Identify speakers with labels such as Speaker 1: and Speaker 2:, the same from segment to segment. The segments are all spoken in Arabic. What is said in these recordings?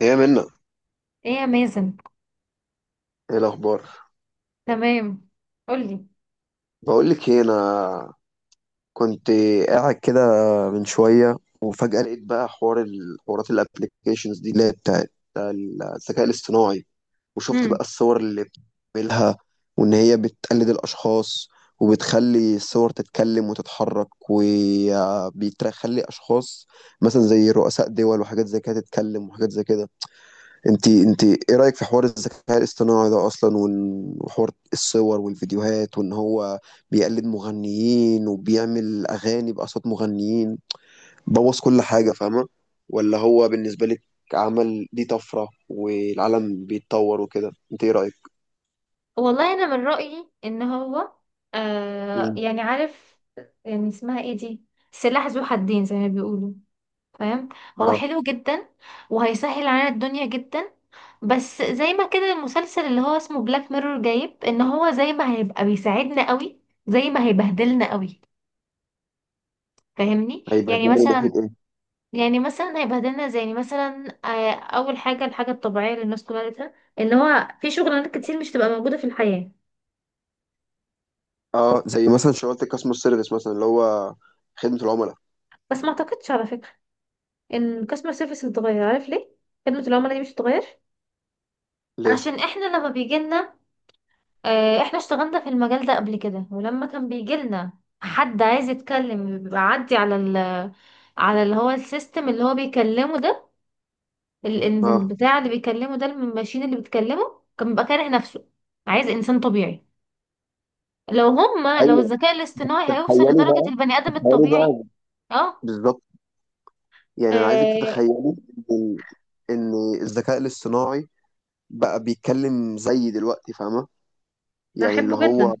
Speaker 1: ايه منا،
Speaker 2: ايه يا مازن.
Speaker 1: ايه الاخبار؟
Speaker 2: تمام. قولي.
Speaker 1: بقول لك ايه، انا كنت قاعد كده من شويه وفجاه لقيت بقى حوار الحوارات، الابلكيشنز دي اللي هي بتاعت الذكاء الاصطناعي. وشفت
Speaker 2: امم.
Speaker 1: بقى الصور اللي بتعملها، وان هي بتقلد الاشخاص وبتخلي الصور تتكلم وتتحرك، وبيخلي اشخاص مثلا زي رؤساء دول وحاجات زي كده تتكلم وحاجات زي كده. انت ايه رأيك في حوار الذكاء الاصطناعي ده اصلا؟ وحوار الصور والفيديوهات، وان هو بيقلد مغنيين وبيعمل اغاني باصوات مغنيين، بوظ كل حاجة، فاهمة؟ ولا هو بالنسبة لك عمل دي طفرة والعالم بيتطور وكده؟ انت ايه رأيك؟
Speaker 2: والله، انا من رأيي ان هو
Speaker 1: مم.
Speaker 2: يعني عارف، يعني اسمها ايه دي، سلاح ذو حدين زي ما بيقولوا. فاهم؟ هو
Speaker 1: اه،
Speaker 2: حلو جدا وهيسهل علينا الدنيا جدا، بس زي ما كده المسلسل اللي هو اسمه بلاك ميرور جايب ان هو زي ما هيبقى بيساعدنا قوي زي ما هيبهدلنا قوي. فاهمني؟ يعني
Speaker 1: هيبهدلنا من
Speaker 2: مثلا
Speaker 1: ناحية ايه؟
Speaker 2: هيبهدلنا، زي يعني مثلا اول حاجه الحاجه الطبيعيه اللي الناس كلها قالتها ان هو في شغلانات كتير مش تبقى موجوده في الحياه.
Speaker 1: اه، زي مثلا شغلة الكاستمر سيرفيس مثلا، اللي هو خدمة العملاء.
Speaker 2: بس ما اعتقدش على فكره ان الكاستمر سيرفيس اللي اتغير، عارف ليه؟ خدمه العملاء دي مش هتتغير.
Speaker 1: ليه؟
Speaker 2: عشان احنا لما بيجي لنا احنا اشتغلنا في المجال ده قبل كده، ولما كان بيجي لنا حد عايز يتكلم بيبقى عدي على ال، على اللي هو السيستم اللي هو بيكلمه ده،
Speaker 1: اه.
Speaker 2: البتاع اللي بيكلمه ده الماشين اللي بتكلمه كان بيبقى كاره نفسه، عايز انسان طبيعي. لو هما لو
Speaker 1: ايوه.
Speaker 2: الذكاء الاصطناعي هيوصل
Speaker 1: تخيلي
Speaker 2: لدرجة
Speaker 1: بقى
Speaker 2: البني آدم
Speaker 1: تخيلي
Speaker 2: الطبيعي.
Speaker 1: بقى
Speaker 2: اه.
Speaker 1: بالظبط. يعني انا عايزك
Speaker 2: آه،
Speaker 1: تتخيلي ان ان الذكاء الاصطناعي بقى بيتكلم زي دلوقتي، فاهمه؟ يعني اللي
Speaker 2: احبه جدا.
Speaker 1: هو،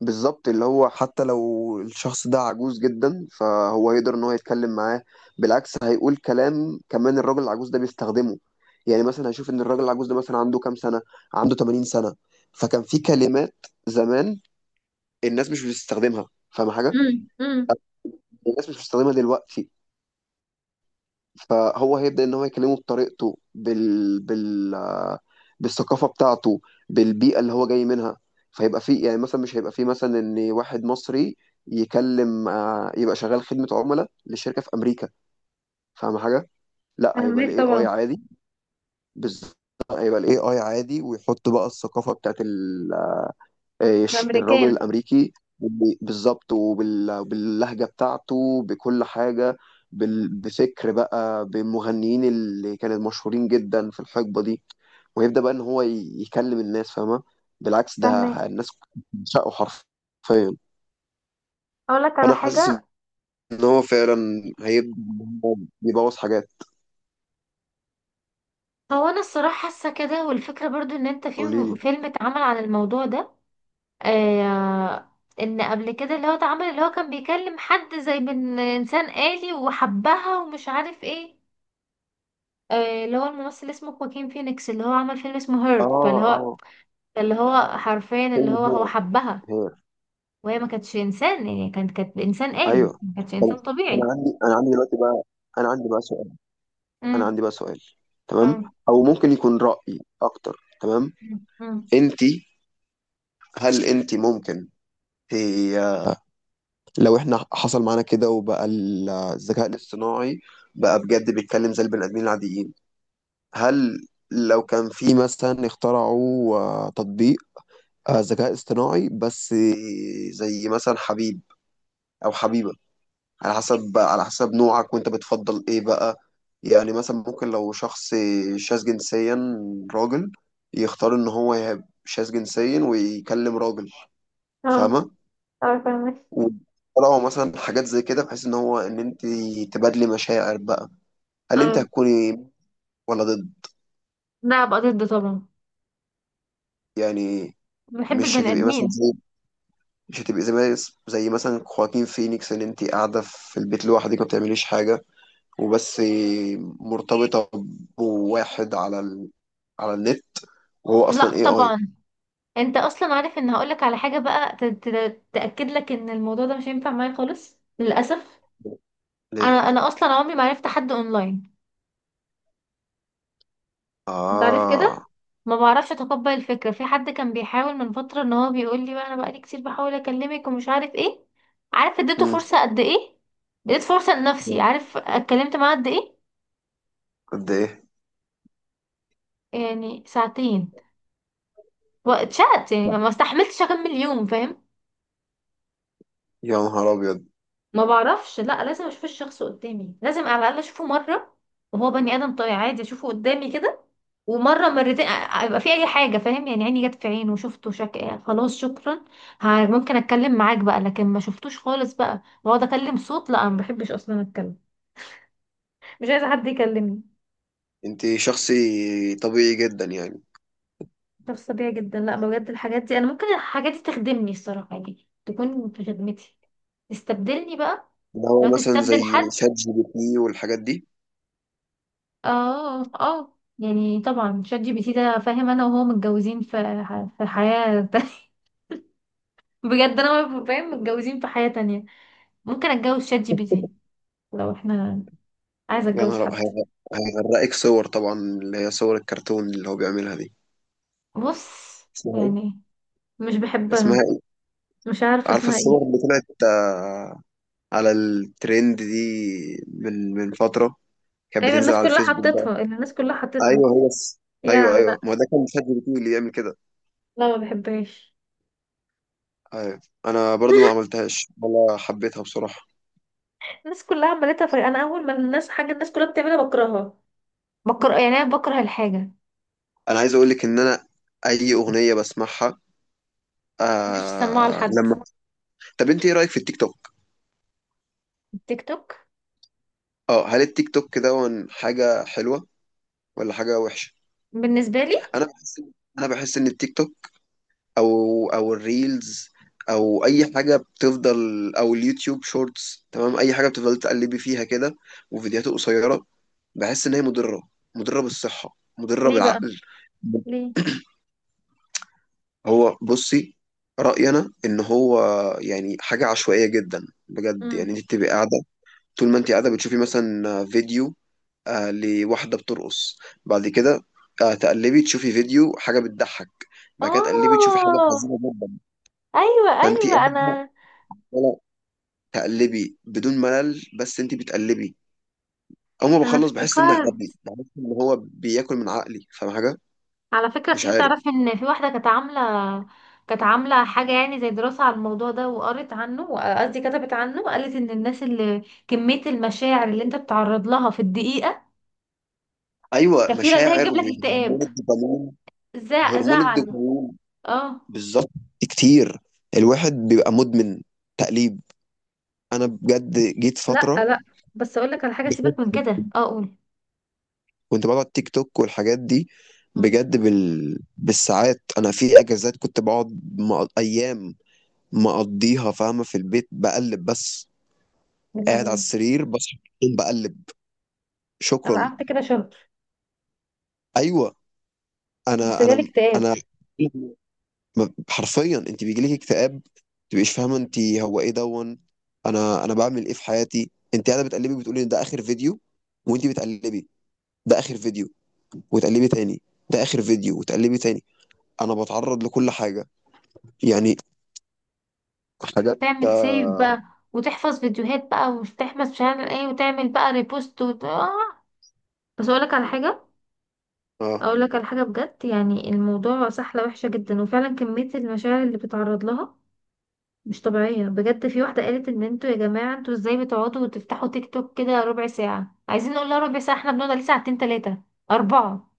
Speaker 1: بالظبط، اللي هو حتى لو الشخص ده عجوز جدا فهو يقدر ان هو يتكلم معاه. بالعكس، هيقول كلام كمان الراجل العجوز ده بيستخدمه. يعني مثلا هشوف ان الراجل العجوز ده مثلا عنده كام سنه، عنده 80 سنه، فكان في كلمات زمان الناس مش بتستخدمها، فاهمه حاجه؟
Speaker 2: امم، امم.
Speaker 1: الناس مش بتستخدمها دلوقتي، فهو هيبدأ ان هو يكلمه بطريقته، بالثقافة بتاعته، بالبيئة اللي هو جاي منها. فيبقى فيه، يعني مثلا مش هيبقى فيه مثلا ان واحد مصري يكلم يبقى شغال خدمة عملاء لشركة في أمريكا، فاهم حاجة؟ لا، هيبقى
Speaker 2: فاهمك
Speaker 1: الاي اي
Speaker 2: طبعا.
Speaker 1: عادي. بالظبط. هيبقى الاي اي عادي ويحط بقى الثقافة بتاعت الراجل
Speaker 2: الامريكان.
Speaker 1: الامريكي. بالظبط، وباللهجه بتاعته، بكل حاجه. بفكر بقى بالمغنيين اللي كانوا مشهورين جدا في الحقبه دي، ويبدا بقى ان هو يكلم الناس، فاهمه؟ بالعكس، ده
Speaker 2: فاهمك.
Speaker 1: الناس بتعشقه حرفيا.
Speaker 2: اقول لك على
Speaker 1: فانا حاسس
Speaker 2: حاجه.
Speaker 1: ان هو فعلا هيبدا إن هو يبوظ حاجات.
Speaker 2: هو انا الصراحه حاسه كده، والفكره برضو ان انت في
Speaker 1: قولي لي.
Speaker 2: فيلم اتعمل عن الموضوع ده. آه، ان قبل كده اللي هو اتعمل اللي هو كان بيكلم حد زي من انسان آلي وحبها ومش عارف ايه. آه، اللي هو الممثل اسمه خواكين فينيكس اللي هو عمل فيلم اسمه
Speaker 1: اه،
Speaker 2: هير، فاللي هو
Speaker 1: اه.
Speaker 2: اللي هو حرفيا اللي
Speaker 1: فيلم
Speaker 2: هو هو
Speaker 1: هير.
Speaker 2: حبها.
Speaker 1: هير.
Speaker 2: وهي ما كانتش انسان، يعني كانت انسان آلي،
Speaker 1: ايوه.
Speaker 2: ما كانتش
Speaker 1: طب،
Speaker 2: انسان
Speaker 1: انا
Speaker 2: طبيعي.
Speaker 1: عندي انا عندي دلوقتي بقى، انا عندي بقى سؤال انا
Speaker 2: امم.
Speaker 1: عندي بقى سؤال تمام.
Speaker 2: اه.
Speaker 1: او ممكن يكون رأي اكتر. تمام.
Speaker 2: امم.
Speaker 1: انت، هل انت ممكن، ت- لو احنا حصل معانا كده وبقى الذكاء الاصطناعي بقى بجد بيتكلم زي البني ادمين العاديين، هل لو كان في مثلا اخترعوا تطبيق ذكاء اصطناعي بس، زي مثلا حبيب او حبيبة، على حسب بقى، على حسب نوعك وانت بتفضل ايه بقى، يعني مثلا ممكن لو شخص شاذ جنسيا راجل يختار ان هو يبقى شاذ جنسيا ويكلم راجل،
Speaker 2: اه.
Speaker 1: فاهمة؟
Speaker 2: اه، فاهمك.
Speaker 1: وطلعوا مثلا حاجات زي كده، بحيث ان هو ان انت تبادلي مشاعر بقى، هل انت
Speaker 2: اه.
Speaker 1: هتكوني ولا ضد؟
Speaker 2: لا بقى، ضد طبعا.
Speaker 1: يعني
Speaker 2: بحب
Speaker 1: مش
Speaker 2: البني
Speaker 1: هتبقي مثلا
Speaker 2: ادمين.
Speaker 1: زي مش هتبقي زي مثلا خواكين فينيكس، ان انت قاعدة في البيت لوحدك ما بتعمليش حاجة وبس، مرتبطة بواحد على على النت وهو
Speaker 2: لا
Speaker 1: اصلا اي اي.
Speaker 2: طبعا. انت اصلا عارف ان هقولك على حاجه بقى، تاكد لك ان الموضوع ده مش هينفع معايا خالص للاسف.
Speaker 1: ليه؟
Speaker 2: انا اصلا عمري ما عرفت حد اونلاين. انت عارف كده.
Speaker 1: اه.
Speaker 2: ما بعرفش اتقبل الفكره. في حد كان بيحاول من فتره ان هو بيقول لي بقى انا بقالي كتير بحاول اكلمك ومش عارف ايه. عارف اديته
Speaker 1: امم.
Speaker 2: فرصه قد ايه؟ اديت فرصه لنفسي، عارف اتكلمت معاه قد ايه؟
Speaker 1: قد ايه؟
Speaker 2: يعني ساعتين، واتشقت، يعني ما استحملتش اكمل يوم. فاهم؟
Speaker 1: يا نهار ابيض.
Speaker 2: ما بعرفش، لا لازم اشوف الشخص قدامي، لازم على الاقل اشوفه مره وهو بني ادم طبيعي عادي، اشوفه قدامي كده. ومره مرتين يبقى في اي حاجه، فاهم يعني؟ عيني جت في عينه وشفته شك... آه، خلاص شكرا. ممكن اتكلم معاك بقى، لكن ما شفتوش خالص بقى واقعد اكلم صوت، لا ما بحبش اصلا اتكلم. مش عايزه حد يكلمني.
Speaker 1: انت شخصي طبيعي جدا يعني.
Speaker 2: شخص طبيعي جدا. لا بجد، الحاجات دي انا ممكن الحاجات دي تخدمني الصراحه، يعني تكون في خدمتي، تستبدلني بقى.
Speaker 1: اللي
Speaker 2: لو
Speaker 1: هو مثلا
Speaker 2: تستبدل
Speaker 1: زي
Speaker 2: حد.
Speaker 1: شات جي بي تي والحاجات دي.
Speaker 2: اه، اه، يعني طبعا شات جي بي تي ده فاهم، انا وهو متجوزين في في حياة تانية. بجد انا وهو فاهم متجوزين في حياة تانية. ممكن اتجوز شات جي بي تي لو احنا، عايزه
Speaker 1: يا
Speaker 2: اتجوز
Speaker 1: نهار ابيض.
Speaker 2: حد.
Speaker 1: هيغرقك صور طبعا، اللي هي صور الكرتون اللي هو بيعملها دي.
Speaker 2: بص.
Speaker 1: اسمها ايه؟
Speaker 2: يعني مش
Speaker 1: اسمها
Speaker 2: بحبها.
Speaker 1: ايه؟
Speaker 2: مش عارفه
Speaker 1: عارفه
Speaker 2: اسمها
Speaker 1: الصور
Speaker 2: ايه.
Speaker 1: اللي طلعت على الترند دي، من من فتره كانت
Speaker 2: ايوه،
Speaker 1: بتنزل
Speaker 2: الناس
Speaker 1: على
Speaker 2: كلها
Speaker 1: الفيسبوك بقى؟
Speaker 2: حطتها، اللي الناس كلها حطتها.
Speaker 1: ايوه، ايوه
Speaker 2: يا لا.
Speaker 1: ايوه، ما هو ده كان شات جي بي تي اللي يعمل كده.
Speaker 2: لا ما بحبهاش.
Speaker 1: أيوة. انا برضو ما عملتهاش ولا حبيتها بصراحه.
Speaker 2: الناس كلها عملتها، في انا اول ما الناس حاجه الناس كلها بتعملها بكرهها، بكره يعني، انا بكره الحاجه ما
Speaker 1: انا عايز اقول لك ان انا اي اغنيه بسمعها،
Speaker 2: بحبش اسمعها
Speaker 1: آه
Speaker 2: لحد.
Speaker 1: لما طب انت ايه رايك في التيك توك؟
Speaker 2: التيك توك
Speaker 1: اه، هل التيك توك ده حاجه حلوه ولا حاجه وحشه؟
Speaker 2: بالنسبه لي.
Speaker 1: انا بحس انا بحس ان التيك توك، او الريلز، او اي حاجه بتفضل، او اليوتيوب شورتس، تمام، اي حاجه بتفضل تقلبي فيها كده وفيديوهات قصيره، بحس ان هي مضره، مضره بالصحه، مضره
Speaker 2: ليه بقى؟
Speaker 1: بالعقل.
Speaker 2: ليه؟
Speaker 1: هو بصي، رأيي أنا إن هو يعني حاجة عشوائية جدا بجد. يعني
Speaker 2: امم.
Speaker 1: أنت بتبقي قاعدة، طول ما أنت قاعدة بتشوفي مثلا فيديو لواحدة بترقص، بعد كده تقلبي تشوفي فيديو حاجة بتضحك، بعد كده تقلبي تشوفي حاجة
Speaker 2: اه.
Speaker 1: حزينة جدا.
Speaker 2: ايوه،
Speaker 1: فأنت
Speaker 2: ايوه
Speaker 1: قاعدة
Speaker 2: انا.
Speaker 1: ولا تقلبي بدون ملل، بس أنت بتقلبي. أول ما بخلص بحس إن أنا
Speaker 2: افتكرت
Speaker 1: غبي، بحس إن هو بياكل من عقلي، فاهم حاجة؟
Speaker 2: على فكرة،
Speaker 1: مش
Speaker 2: في
Speaker 1: عارف.
Speaker 2: تعرفي ان في واحدة كانت عاملة، كانت عاملة حاجة يعني زي دراسة على الموضوع ده وقرت عنه، قصدي كتبت عنه، وقالت ان الناس اللي، كمية المشاعر اللي انت بتعرض لها في الدقيقة
Speaker 1: أيوه،
Speaker 2: كفيلة ان هي
Speaker 1: مشاعر
Speaker 2: تجيب لك
Speaker 1: وهرمون
Speaker 2: اكتئاب،
Speaker 1: الدوبامين. هرمون
Speaker 2: زعل.
Speaker 1: الدوبامين،
Speaker 2: اه.
Speaker 1: بالضبط. كتير، الواحد بيبقى مُدمن تقليب. أنا بجد جيت
Speaker 2: لا،
Speaker 1: فترة
Speaker 2: لا. بس اقول لك على حاجة، سيبك من كده، اه قول.
Speaker 1: كنت باقعد تيك توك والحاجات دي،
Speaker 2: مم.
Speaker 1: بجد بالساعات. أنا في أجازات كنت باقعد أيام مقضّيها، فاهمة، في البيت باقلّب بس،
Speaker 2: يا
Speaker 1: قاعد على
Speaker 2: لهوي.
Speaker 1: السرير، باصحى من النوم باقلّب،
Speaker 2: انا
Speaker 1: شكرًا.
Speaker 2: قعدت كده شهر،
Speaker 1: أيوه.
Speaker 2: بس
Speaker 1: أنا
Speaker 2: جالي
Speaker 1: أنا
Speaker 2: اكتئاب.
Speaker 1: أنا حرفيا انت بيجيلك اكتئاب، تبقيش فاهمه انت هو ايه دون، انا بعمل ايه في حياتي؟ انت قاعده بتقلبي، بتقولي ان ده اخر فيديو وانت بتقلبي، ده اخر فيديو وتقلبي تاني، ده اخر فيديو وتقلبي تاني. انا بتعرض لكل حاجه، يعني حاجات
Speaker 2: تعمل سيف بقى، وتحفظ فيديوهات بقى، وتحفظ مش عارف ايه، وتعمل بقى ريبوست، وت... آه. بس اقول لك على حاجة،
Speaker 1: آه،
Speaker 2: اقول لك على حاجه بجد، يعني الموضوع سحله وحشه جدا، وفعلا كميه المشاعر اللي بتتعرض لها مش طبيعيه. بجد في واحده قالت ان انتوا يا جماعه انتوا ازاي بتقعدوا وتفتحوا تيك توك كده ربع ساعه؟ عايزين نقول لها ربع ساعه، احنا بنقعد عليه ساعتين، ثلاثه، اربعه.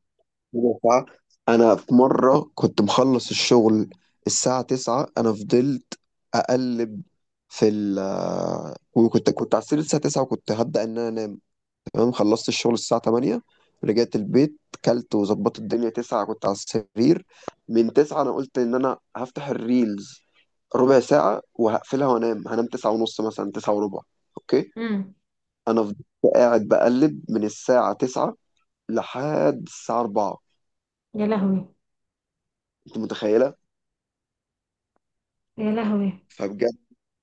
Speaker 1: مجرحة. انا في مره كنت مخلص الشغل الساعه 9، انا فضلت اقلب في ال آه، وكنت على السرير الساعه 9، وكنت هبدا ان انا انام. تمام، خلصت الشغل الساعة 8، رجعت البيت، كلت وظبطت الدنيا، 9 كنت على السرير. من 9 انا قلت ان انا هفتح الريلز ربع ساعة وهقفلها وانام، هنام 9 ونص مثلا، 9 وربع. اوكي.
Speaker 2: امم.
Speaker 1: انا فضلت قاعد بقلب من الساعة 9 لحد الساعة 4.
Speaker 2: يا لهوي.
Speaker 1: انت متخيلة؟
Speaker 2: يا لهوي.
Speaker 1: فبجد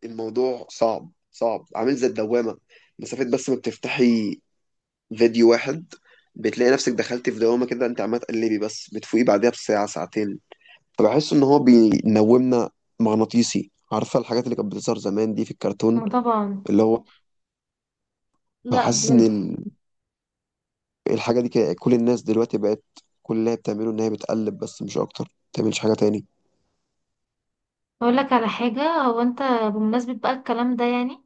Speaker 1: الموضوع صعب صعب، عامل زي الدوامة. مسافة بس ما بتفتحي فيديو واحد بتلاقي نفسك دخلتي في دوامة كده، انت عمال تقلبي بس، بتفوقي بعدها بساعة ساعتين. فبحس ان هو بينومنا مغناطيسي، عارفه الحاجات اللي كانت بتظهر زمان دي في الكرتون؟
Speaker 2: ما طبعا.
Speaker 1: اللي هو،
Speaker 2: لا
Speaker 1: حاسس ان
Speaker 2: بجد.
Speaker 1: الحاجه دي كده، كل الناس دلوقتي بقت كل اللي هي بتعمله ان هي بتقلب بس، مش اكتر، ما بتعملش حاجه تاني.
Speaker 2: اقول لك على حاجه، هو انت، بمناسبه بقى الكلام ده يعني،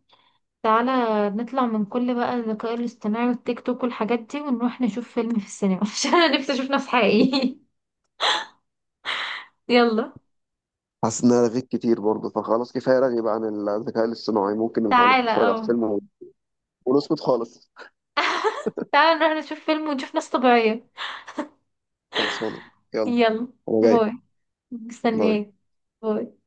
Speaker 2: تعالى نطلع من كل بقى الذكاء الاصطناعي والتيك توك والحاجات دي، ونروح نشوف فيلم في السينما عشان انا نفسي اشوف ناس حقيقي. يلا
Speaker 1: حاسس ان انا رغيت كتير برضه، فخلاص، كفايه رغي بقى عن الذكاء الاصطناعي، ممكن نبقى
Speaker 2: تعالى.
Speaker 1: نتفرج على
Speaker 2: اه،
Speaker 1: الفيلم ونسكت خالص.
Speaker 2: تعالى نروح نشوف فيلم ونشوف ناس طبيعية.
Speaker 1: خلصانه. يلا،
Speaker 2: يلا.
Speaker 1: انا جاي.
Speaker 2: باي.
Speaker 1: باي.
Speaker 2: مستنياك. باي.